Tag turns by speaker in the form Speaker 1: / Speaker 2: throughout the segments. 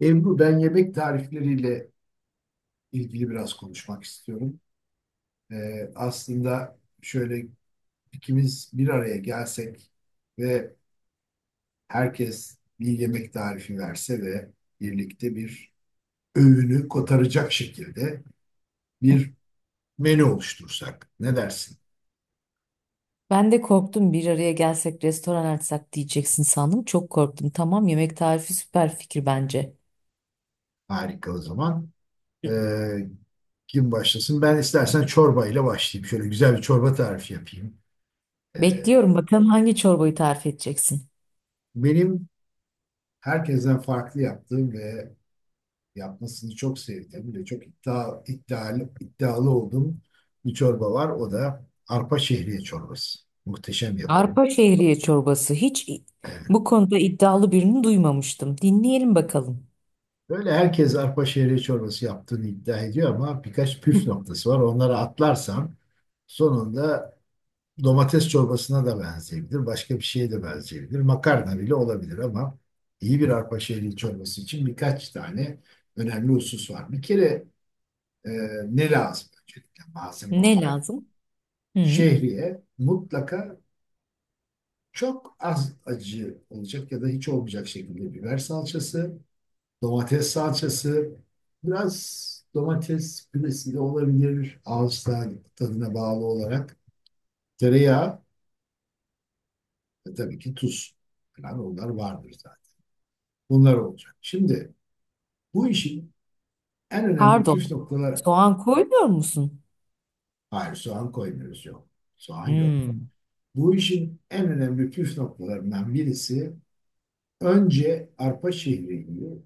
Speaker 1: Ebru, ben yemek tarifleriyle ilgili biraz konuşmak istiyorum. Aslında şöyle ikimiz bir araya gelsek ve herkes bir yemek tarifi verse ve birlikte bir öğünü kotaracak şekilde bir menü oluştursak. Ne dersin?
Speaker 2: Ben de korktum bir araya gelsek restoran açsak diyeceksin sandım. Çok korktum. Tamam, yemek tarifi süper fikir bence.
Speaker 1: Harika o zaman. Ee, Kim başlasın? Ben istersen çorba ile başlayayım. Şöyle güzel bir çorba tarifi yapayım. Ee,
Speaker 2: Bekliyorum bakalım hangi çorbayı tarif edeceksin.
Speaker 1: Benim herkesten farklı yaptığım ve yapmasını çok sevdiğim ve çok iddialı olduğum bir çorba var. O da arpa şehriye çorbası. Muhteşem yaparım.
Speaker 2: Arpa şehriye çorbası.
Speaker 1: Evet.
Speaker 2: Bu konuda iddialı birini duymamıştım. Dinleyelim bakalım.
Speaker 1: Böyle herkes arpa şehriye çorbası yaptığını iddia ediyor ama birkaç püf noktası var. Onları atlarsam sonunda domates çorbasına da benzeyebilir. Başka bir şeye de benzeyebilir. Makarna bile olabilir ama iyi bir arpa şehriye çorbası için birkaç tane önemli husus var. Bir kere e, ne lazım öncelikle malzeme
Speaker 2: Ne
Speaker 1: olarak?
Speaker 2: lazım? Hı.
Speaker 1: Şehriye mutlaka, çok az acı olacak ya da hiç olmayacak şekilde biber salçası, domates salçası, biraz domates püresi de olabilir ağız tadına bağlı olarak, tereyağı ve tabii ki tuz falan onlar vardır zaten. Bunlar olacak. Şimdi bu işin en önemli püf
Speaker 2: Pardon.
Speaker 1: noktaları.
Speaker 2: Soğan koymuyor musun?
Speaker 1: Hayır, soğan koymuyoruz, yok. Soğan yok.
Speaker 2: Hmm.
Speaker 1: Bu işin en önemli püf noktalarından birisi, önce arpa şehriyi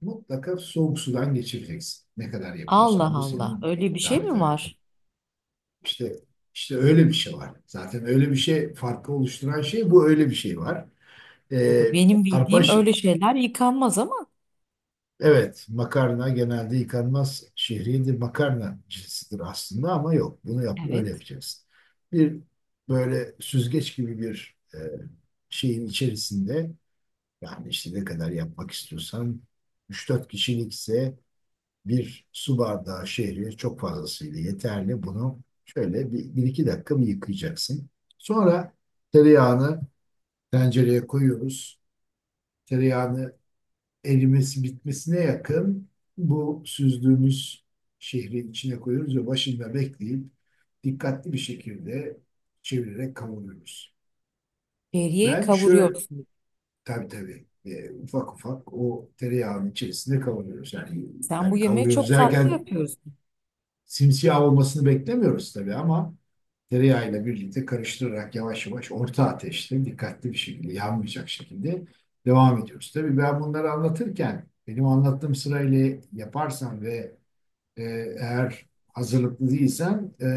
Speaker 1: mutlaka soğuk sudan geçireceksin. Ne kadar
Speaker 2: Allah
Speaker 1: yapıyorsan bu
Speaker 2: Allah.
Speaker 1: senin,
Speaker 2: Öyle bir şey
Speaker 1: tabii
Speaker 2: mi
Speaker 1: tabii.
Speaker 2: var?
Speaker 1: İşte işte öyle bir şey var. Zaten öyle bir şey, farkı oluşturan şey bu, öyle bir şey var. Ee,
Speaker 2: Benim
Speaker 1: arpa
Speaker 2: bildiğim
Speaker 1: şe-
Speaker 2: öyle şeyler yıkanmaz ama.
Speaker 1: evet, makarna genelde yıkanmaz, şehriyedir. Makarna cinsidir aslında ama yok. Bunu yap, öyle
Speaker 2: Evet.
Speaker 1: yapacaksın. Bir böyle süzgeç gibi bir şeyin içerisinde. Yani işte ne kadar yapmak istiyorsan, 3-4 kişilikse bir su bardağı şehriye çok fazlasıyla yeterli. Bunu şöyle bir iki dakika mı yıkayacaksın. Sonra tereyağını tencereye koyuyoruz. Tereyağını erimesi bitmesine yakın bu süzdüğümüz şehrin içine koyuyoruz ve başında bekleyip dikkatli bir şekilde çevirerek kavuruyoruz.
Speaker 2: Şehriyeyi
Speaker 1: Ben şu
Speaker 2: kavuruyorsun.
Speaker 1: Tabii. Ufak ufak o tereyağının içerisinde kavuruyoruz. Yani
Speaker 2: Sen bu
Speaker 1: yani
Speaker 2: yemeği
Speaker 1: kavuruyoruz
Speaker 2: çok farklı
Speaker 1: derken
Speaker 2: yapıyorsun.
Speaker 1: simsiyah olmasını beklemiyoruz tabii ama tereyağıyla birlikte karıştırarak yavaş yavaş orta ateşte dikkatli bir şekilde yanmayacak şekilde devam ediyoruz. Tabii ben bunları anlatırken benim anlattığım sırayla yaparsan ve e, eğer hazırlıklı değilsen,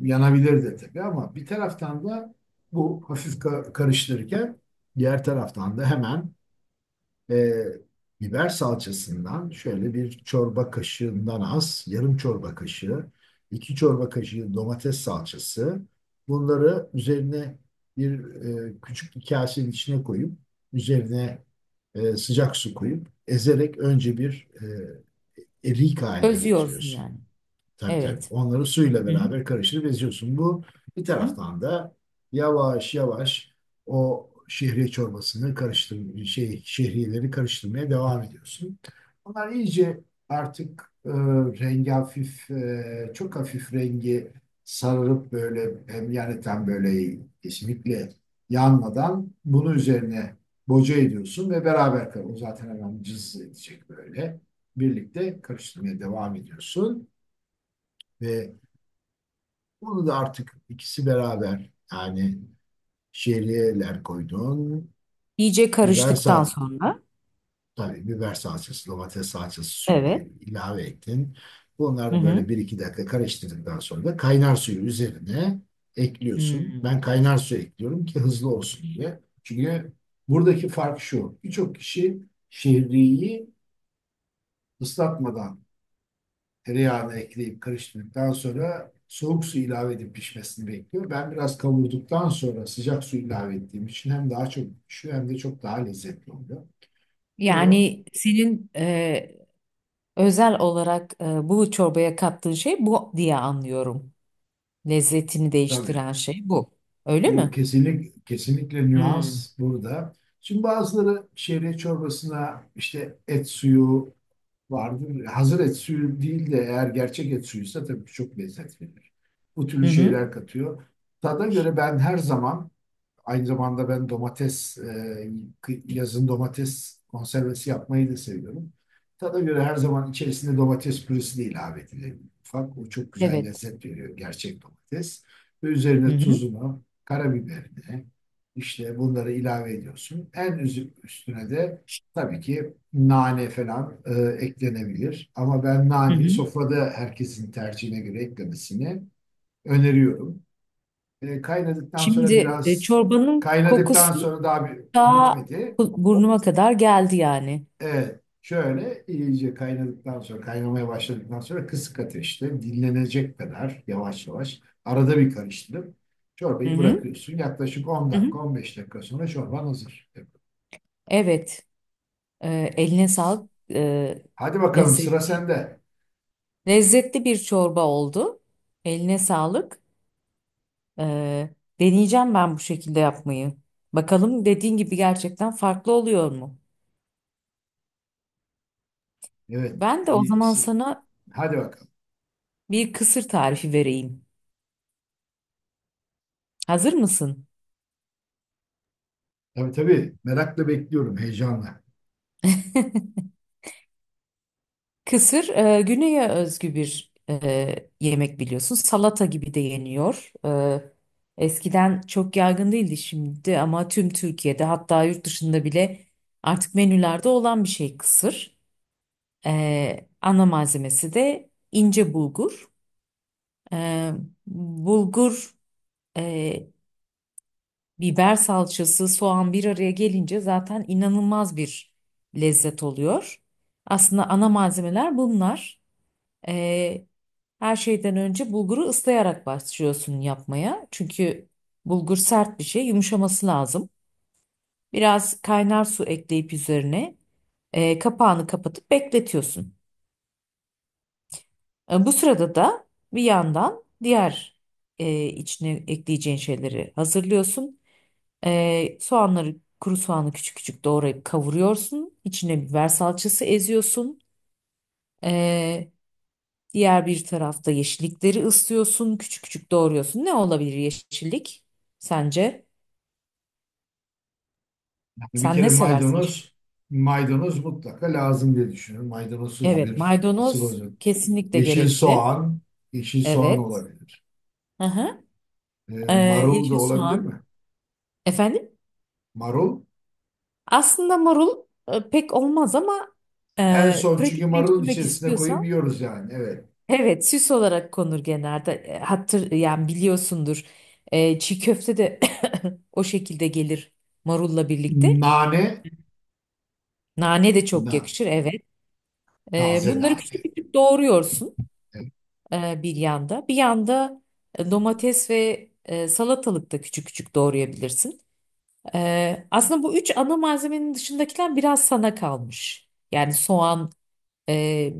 Speaker 1: yanabilir de tabii ama bir taraftan da bu hafif karıştırırken, diğer taraftan da hemen e, biber salçasından şöyle bir çorba kaşığından az, yarım çorba kaşığı, iki çorba kaşığı domates salçası. Bunları üzerine bir küçük bir kasenin içine koyup, üzerine sıcak su koyup, ezerek önce bir erik haline
Speaker 2: Özüyorsun
Speaker 1: getiriyorsun.
Speaker 2: yani.
Speaker 1: Tabii.
Speaker 2: Evet.
Speaker 1: Onları suyla
Speaker 2: Hı hı.
Speaker 1: beraber karıştırıp eziyorsun. Bu bir
Speaker 2: Hı.
Speaker 1: taraftan da yavaş yavaş o şehriye çorbasını karıştır şey şehriyeleri karıştırmaya devam ediyorsun. Onlar iyice artık rengi hafif, çok hafif rengi sararıp böyle, hem yani tam böyle kesinlikle yanmadan bunu üzerine boca ediyorsun ve beraber o zaten hemen cız edecek böyle. Birlikte karıştırmaya devam ediyorsun ve bunu da artık ikisi beraber, yani şehriyeler koydun.
Speaker 2: İyice
Speaker 1: Biber
Speaker 2: karıştıktan
Speaker 1: sal
Speaker 2: sonra.
Speaker 1: Tabii biber salçası, domates salçası suyunu
Speaker 2: Evet.
Speaker 1: ilave ettin.
Speaker 2: Hı
Speaker 1: Bunlar
Speaker 2: hı.
Speaker 1: böyle bir iki dakika karıştırdıktan sonra da kaynar suyu üzerine ekliyorsun. Ben
Speaker 2: Hmm.
Speaker 1: kaynar suyu ekliyorum ki hızlı olsun diye. Çünkü buradaki fark şu. Birçok kişi şehriyi ıslatmadan, tereyağını ekleyip karıştırdıktan sonra soğuk su ilave edip pişmesini bekliyor. Ben biraz kavurduktan sonra sıcak su ilave ettiğim için hem daha çok pişiyor hem de çok daha lezzetli oluyor. Bunu
Speaker 2: Yani senin özel olarak bu çorbaya kattığın şey bu diye anlıyorum. Lezzetini
Speaker 1: tabii,
Speaker 2: değiştiren şey bu. Öyle
Speaker 1: bu
Speaker 2: mi?
Speaker 1: kesinlikle
Speaker 2: Hmm.
Speaker 1: nüans burada. Şimdi bazıları şehriye çorbasına işte et suyu vardır. Hazır et suyu değil de eğer gerçek et suyuysa tabii çok lezzet verir. Bu
Speaker 2: Hı
Speaker 1: türlü
Speaker 2: hı.
Speaker 1: şeyler katıyor. Tada göre ben her zaman Aynı zamanda ben domates, yazın domates konservesi yapmayı da seviyorum. Tada göre her zaman içerisinde domates püresi de ilave edilir. Ufak, o çok güzel
Speaker 2: Evet.
Speaker 1: lezzet veriyor gerçek domates. Ve
Speaker 2: Hı
Speaker 1: üzerine
Speaker 2: hı.
Speaker 1: tuzunu, karabiberini, işte bunları ilave ediyorsun. En üstüne de tabii ki nane falan eklenebilir. Ama ben
Speaker 2: Hı
Speaker 1: naneyi
Speaker 2: hı.
Speaker 1: sofrada herkesin tercihine göre eklemesini öneriyorum. E, kaynadıktan sonra
Speaker 2: Şimdi
Speaker 1: biraz
Speaker 2: çorbanın
Speaker 1: Kaynadıktan
Speaker 2: kokusu
Speaker 1: sonra daha bir,
Speaker 2: daha
Speaker 1: bitmedi.
Speaker 2: burnuma kadar geldi yani.
Speaker 1: Evet. Şöyle iyice kaynadıktan sonra, kaynamaya başladıktan sonra kısık ateşte dinlenecek kadar yavaş yavaş arada bir karıştırıp
Speaker 2: Hı
Speaker 1: çorbayı
Speaker 2: hı.
Speaker 1: bırakıyorsun. Yaklaşık 10
Speaker 2: Hı hı.
Speaker 1: dakika 15 dakika sonra çorban hazır.
Speaker 2: Evet. Eline sağlık.
Speaker 1: Hadi bakalım sıra
Speaker 2: Lezzetli.
Speaker 1: sende.
Speaker 2: Lezzetli bir çorba oldu. Eline sağlık. Ee, Deneyeceğim ben bu şekilde yapmayı. Bakalım dediğin gibi gerçekten farklı oluyor mu?
Speaker 1: Evet.
Speaker 2: Ben de o zaman
Speaker 1: Bir,
Speaker 2: sana
Speaker 1: hadi bakalım.
Speaker 2: bir kısır tarifi vereyim. Hazır mısın?
Speaker 1: Tabii, merakla bekliyorum, heyecanla.
Speaker 2: Kısır güneye özgü bir yemek biliyorsun. Salata gibi de yeniyor. Eskiden çok yaygın değildi şimdi ama tüm Türkiye'de hatta yurt dışında bile artık menülerde olan bir şey kısır. Ana malzemesi de ince bulgur. E, Bulgur, e, biber salçası, soğan bir araya gelince zaten inanılmaz bir lezzet oluyor. Aslında ana malzemeler bunlar. Ee, Her şeyden önce bulguru ıslayarak başlıyorsun yapmaya. Çünkü bulgur sert bir şey, yumuşaması lazım. Biraz kaynar su ekleyip üzerine kapağını kapatıp bekletiyorsun. Bu sırada da bir yandan diğer içine ekleyeceğin şeyleri hazırlıyorsun. Soğanları, kuru soğanı küçük küçük doğrayıp kavuruyorsun. İçine biber salçası eziyorsun. E, Diğer bir tarafta yeşillikleri ıslıyorsun, küçük küçük doğruyorsun. Ne olabilir yeşillik sence?
Speaker 1: Bir
Speaker 2: Sen
Speaker 1: kere
Speaker 2: ne seversin yeşil?
Speaker 1: maydanoz, maydanoz mutlaka lazım diye düşünüyorum. Maydanozsuz
Speaker 2: Evet,
Speaker 1: bir sıvı
Speaker 2: maydanoz
Speaker 1: yok.
Speaker 2: kesinlikle
Speaker 1: Yeşil
Speaker 2: gerekli.
Speaker 1: soğan, Yeşil soğan
Speaker 2: Evet.
Speaker 1: olabilir.
Speaker 2: Hı hı. Ee,
Speaker 1: Marul da
Speaker 2: Yeşil
Speaker 1: olabilir
Speaker 2: soğan.
Speaker 1: mi?
Speaker 2: Efendim?
Speaker 1: Marul.
Speaker 2: Aslında marul pek olmaz ama
Speaker 1: En son, çünkü marulun
Speaker 2: pratikleştirmek
Speaker 1: içerisine koyup
Speaker 2: istiyorsan
Speaker 1: yiyoruz yani. Evet.
Speaker 2: evet, süs olarak konur genelde. Hatır yani biliyorsundur. Çiğ köfte de o şekilde gelir marulla birlikte.
Speaker 1: Nane,
Speaker 2: Nane de çok
Speaker 1: na,
Speaker 2: yakışır. Evet.
Speaker 1: Taze
Speaker 2: Bunları küçük
Speaker 1: nane.
Speaker 2: küçük doğruyorsun
Speaker 1: Evet.
Speaker 2: e, bir yanda. Bir yanda domates ve salatalık da küçük küçük doğrayabilirsin. Aslında bu üç ana malzemenin dışındakiler biraz sana kalmış. Yani soğan, e,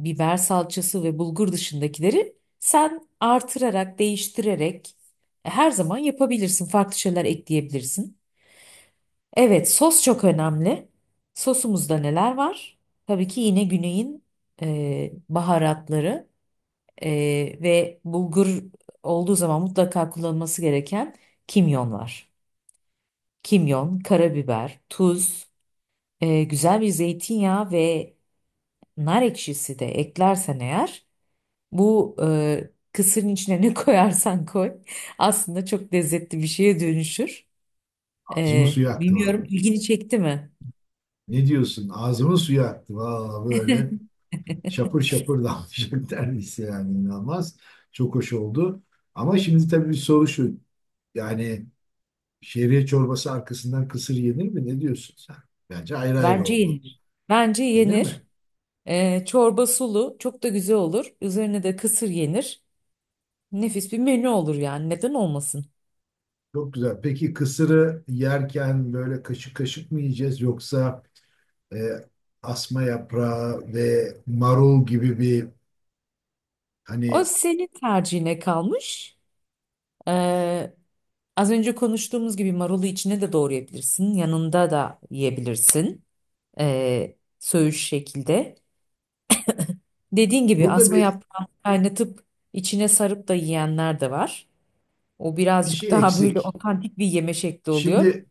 Speaker 2: biber salçası ve bulgur dışındakileri sen artırarak, değiştirerek her zaman yapabilirsin. Farklı şeyler ekleyebilirsin. Evet, sos çok önemli. Sosumuzda neler var? Tabii ki yine güneyin baharatları. Ve bulgur olduğu zaman mutlaka kullanılması gereken kimyon var. Kimyon, karabiber, tuz, güzel bir zeytinyağı ve nar ekşisi de eklersen eğer bu kısırın içine ne koyarsan koy aslında çok lezzetli bir şeye dönüşür.
Speaker 1: Ağzımın suyu aktı
Speaker 2: Bilmiyorum,
Speaker 1: vallahi.
Speaker 2: ilgini çekti mi?
Speaker 1: Ne diyorsun? Ağzımın suyu aktı vallahi böyle. Şapır şapır damlayacak neredeyse, yani inanılmaz. Çok hoş oldu. Ama şimdi tabii bir soru şu. Yani şehriye çorbası arkasından kısır yenir mi? Ne diyorsun sen? Bence ayrı ayrı
Speaker 2: Bence
Speaker 1: olmalı.
Speaker 2: yenir. Bence
Speaker 1: Yenir
Speaker 2: yenir.
Speaker 1: mi?
Speaker 2: Çorba sulu çok da güzel olur. Üzerine de kısır yenir. Nefis bir menü olur yani, neden olmasın?
Speaker 1: Çok güzel. Peki kısırı yerken böyle kaşık kaşık mı yiyeceğiz yoksa e, asma yaprağı ve marul gibi bir,
Speaker 2: O
Speaker 1: hani,
Speaker 2: senin tercihine kalmış. Ee, Az önce konuştuğumuz gibi marulu içine de doğrayabilirsin. Yanında da yiyebilirsin. Söğüş şekilde. Dediğin gibi
Speaker 1: burada
Speaker 2: asma
Speaker 1: bir
Speaker 2: yaprağını kaynatıp içine sarıp da yiyenler de var. O
Speaker 1: bir
Speaker 2: birazcık
Speaker 1: şey
Speaker 2: daha böyle
Speaker 1: eksik.
Speaker 2: otantik bir yeme şekli oluyor.
Speaker 1: Şimdi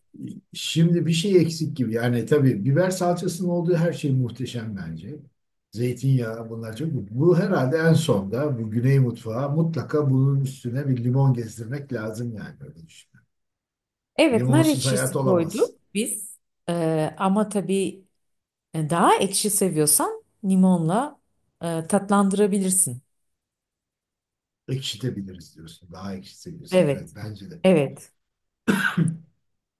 Speaker 1: şimdi bir şey eksik gibi. Yani tabii biber salçasının olduğu her şey muhteşem bence. Zeytinyağı, bunlar çok. Bu herhalde en sonda, bu Güney mutfağı, mutlaka bunun üstüne bir limon gezdirmek lazım yani, öyle düşünüyorum.
Speaker 2: Evet, nar
Speaker 1: Limonsuz hayat
Speaker 2: ekşisi koyduk
Speaker 1: olamaz.
Speaker 2: biz. Ama tabii daha ekşi seviyorsan limonla tatlandırabilirsin.
Speaker 1: Ekşitebiliriz diyorsun. Daha ekşitebiliyorsun. Evet,
Speaker 2: Evet,
Speaker 1: bence de.
Speaker 2: evet.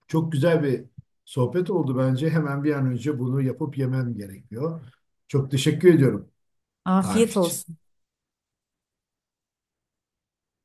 Speaker 1: Çok güzel bir sohbet oldu bence. Hemen bir an önce bunu yapıp yemem gerekiyor. Çok teşekkür ediyorum tarif
Speaker 2: Afiyet
Speaker 1: için.
Speaker 2: olsun.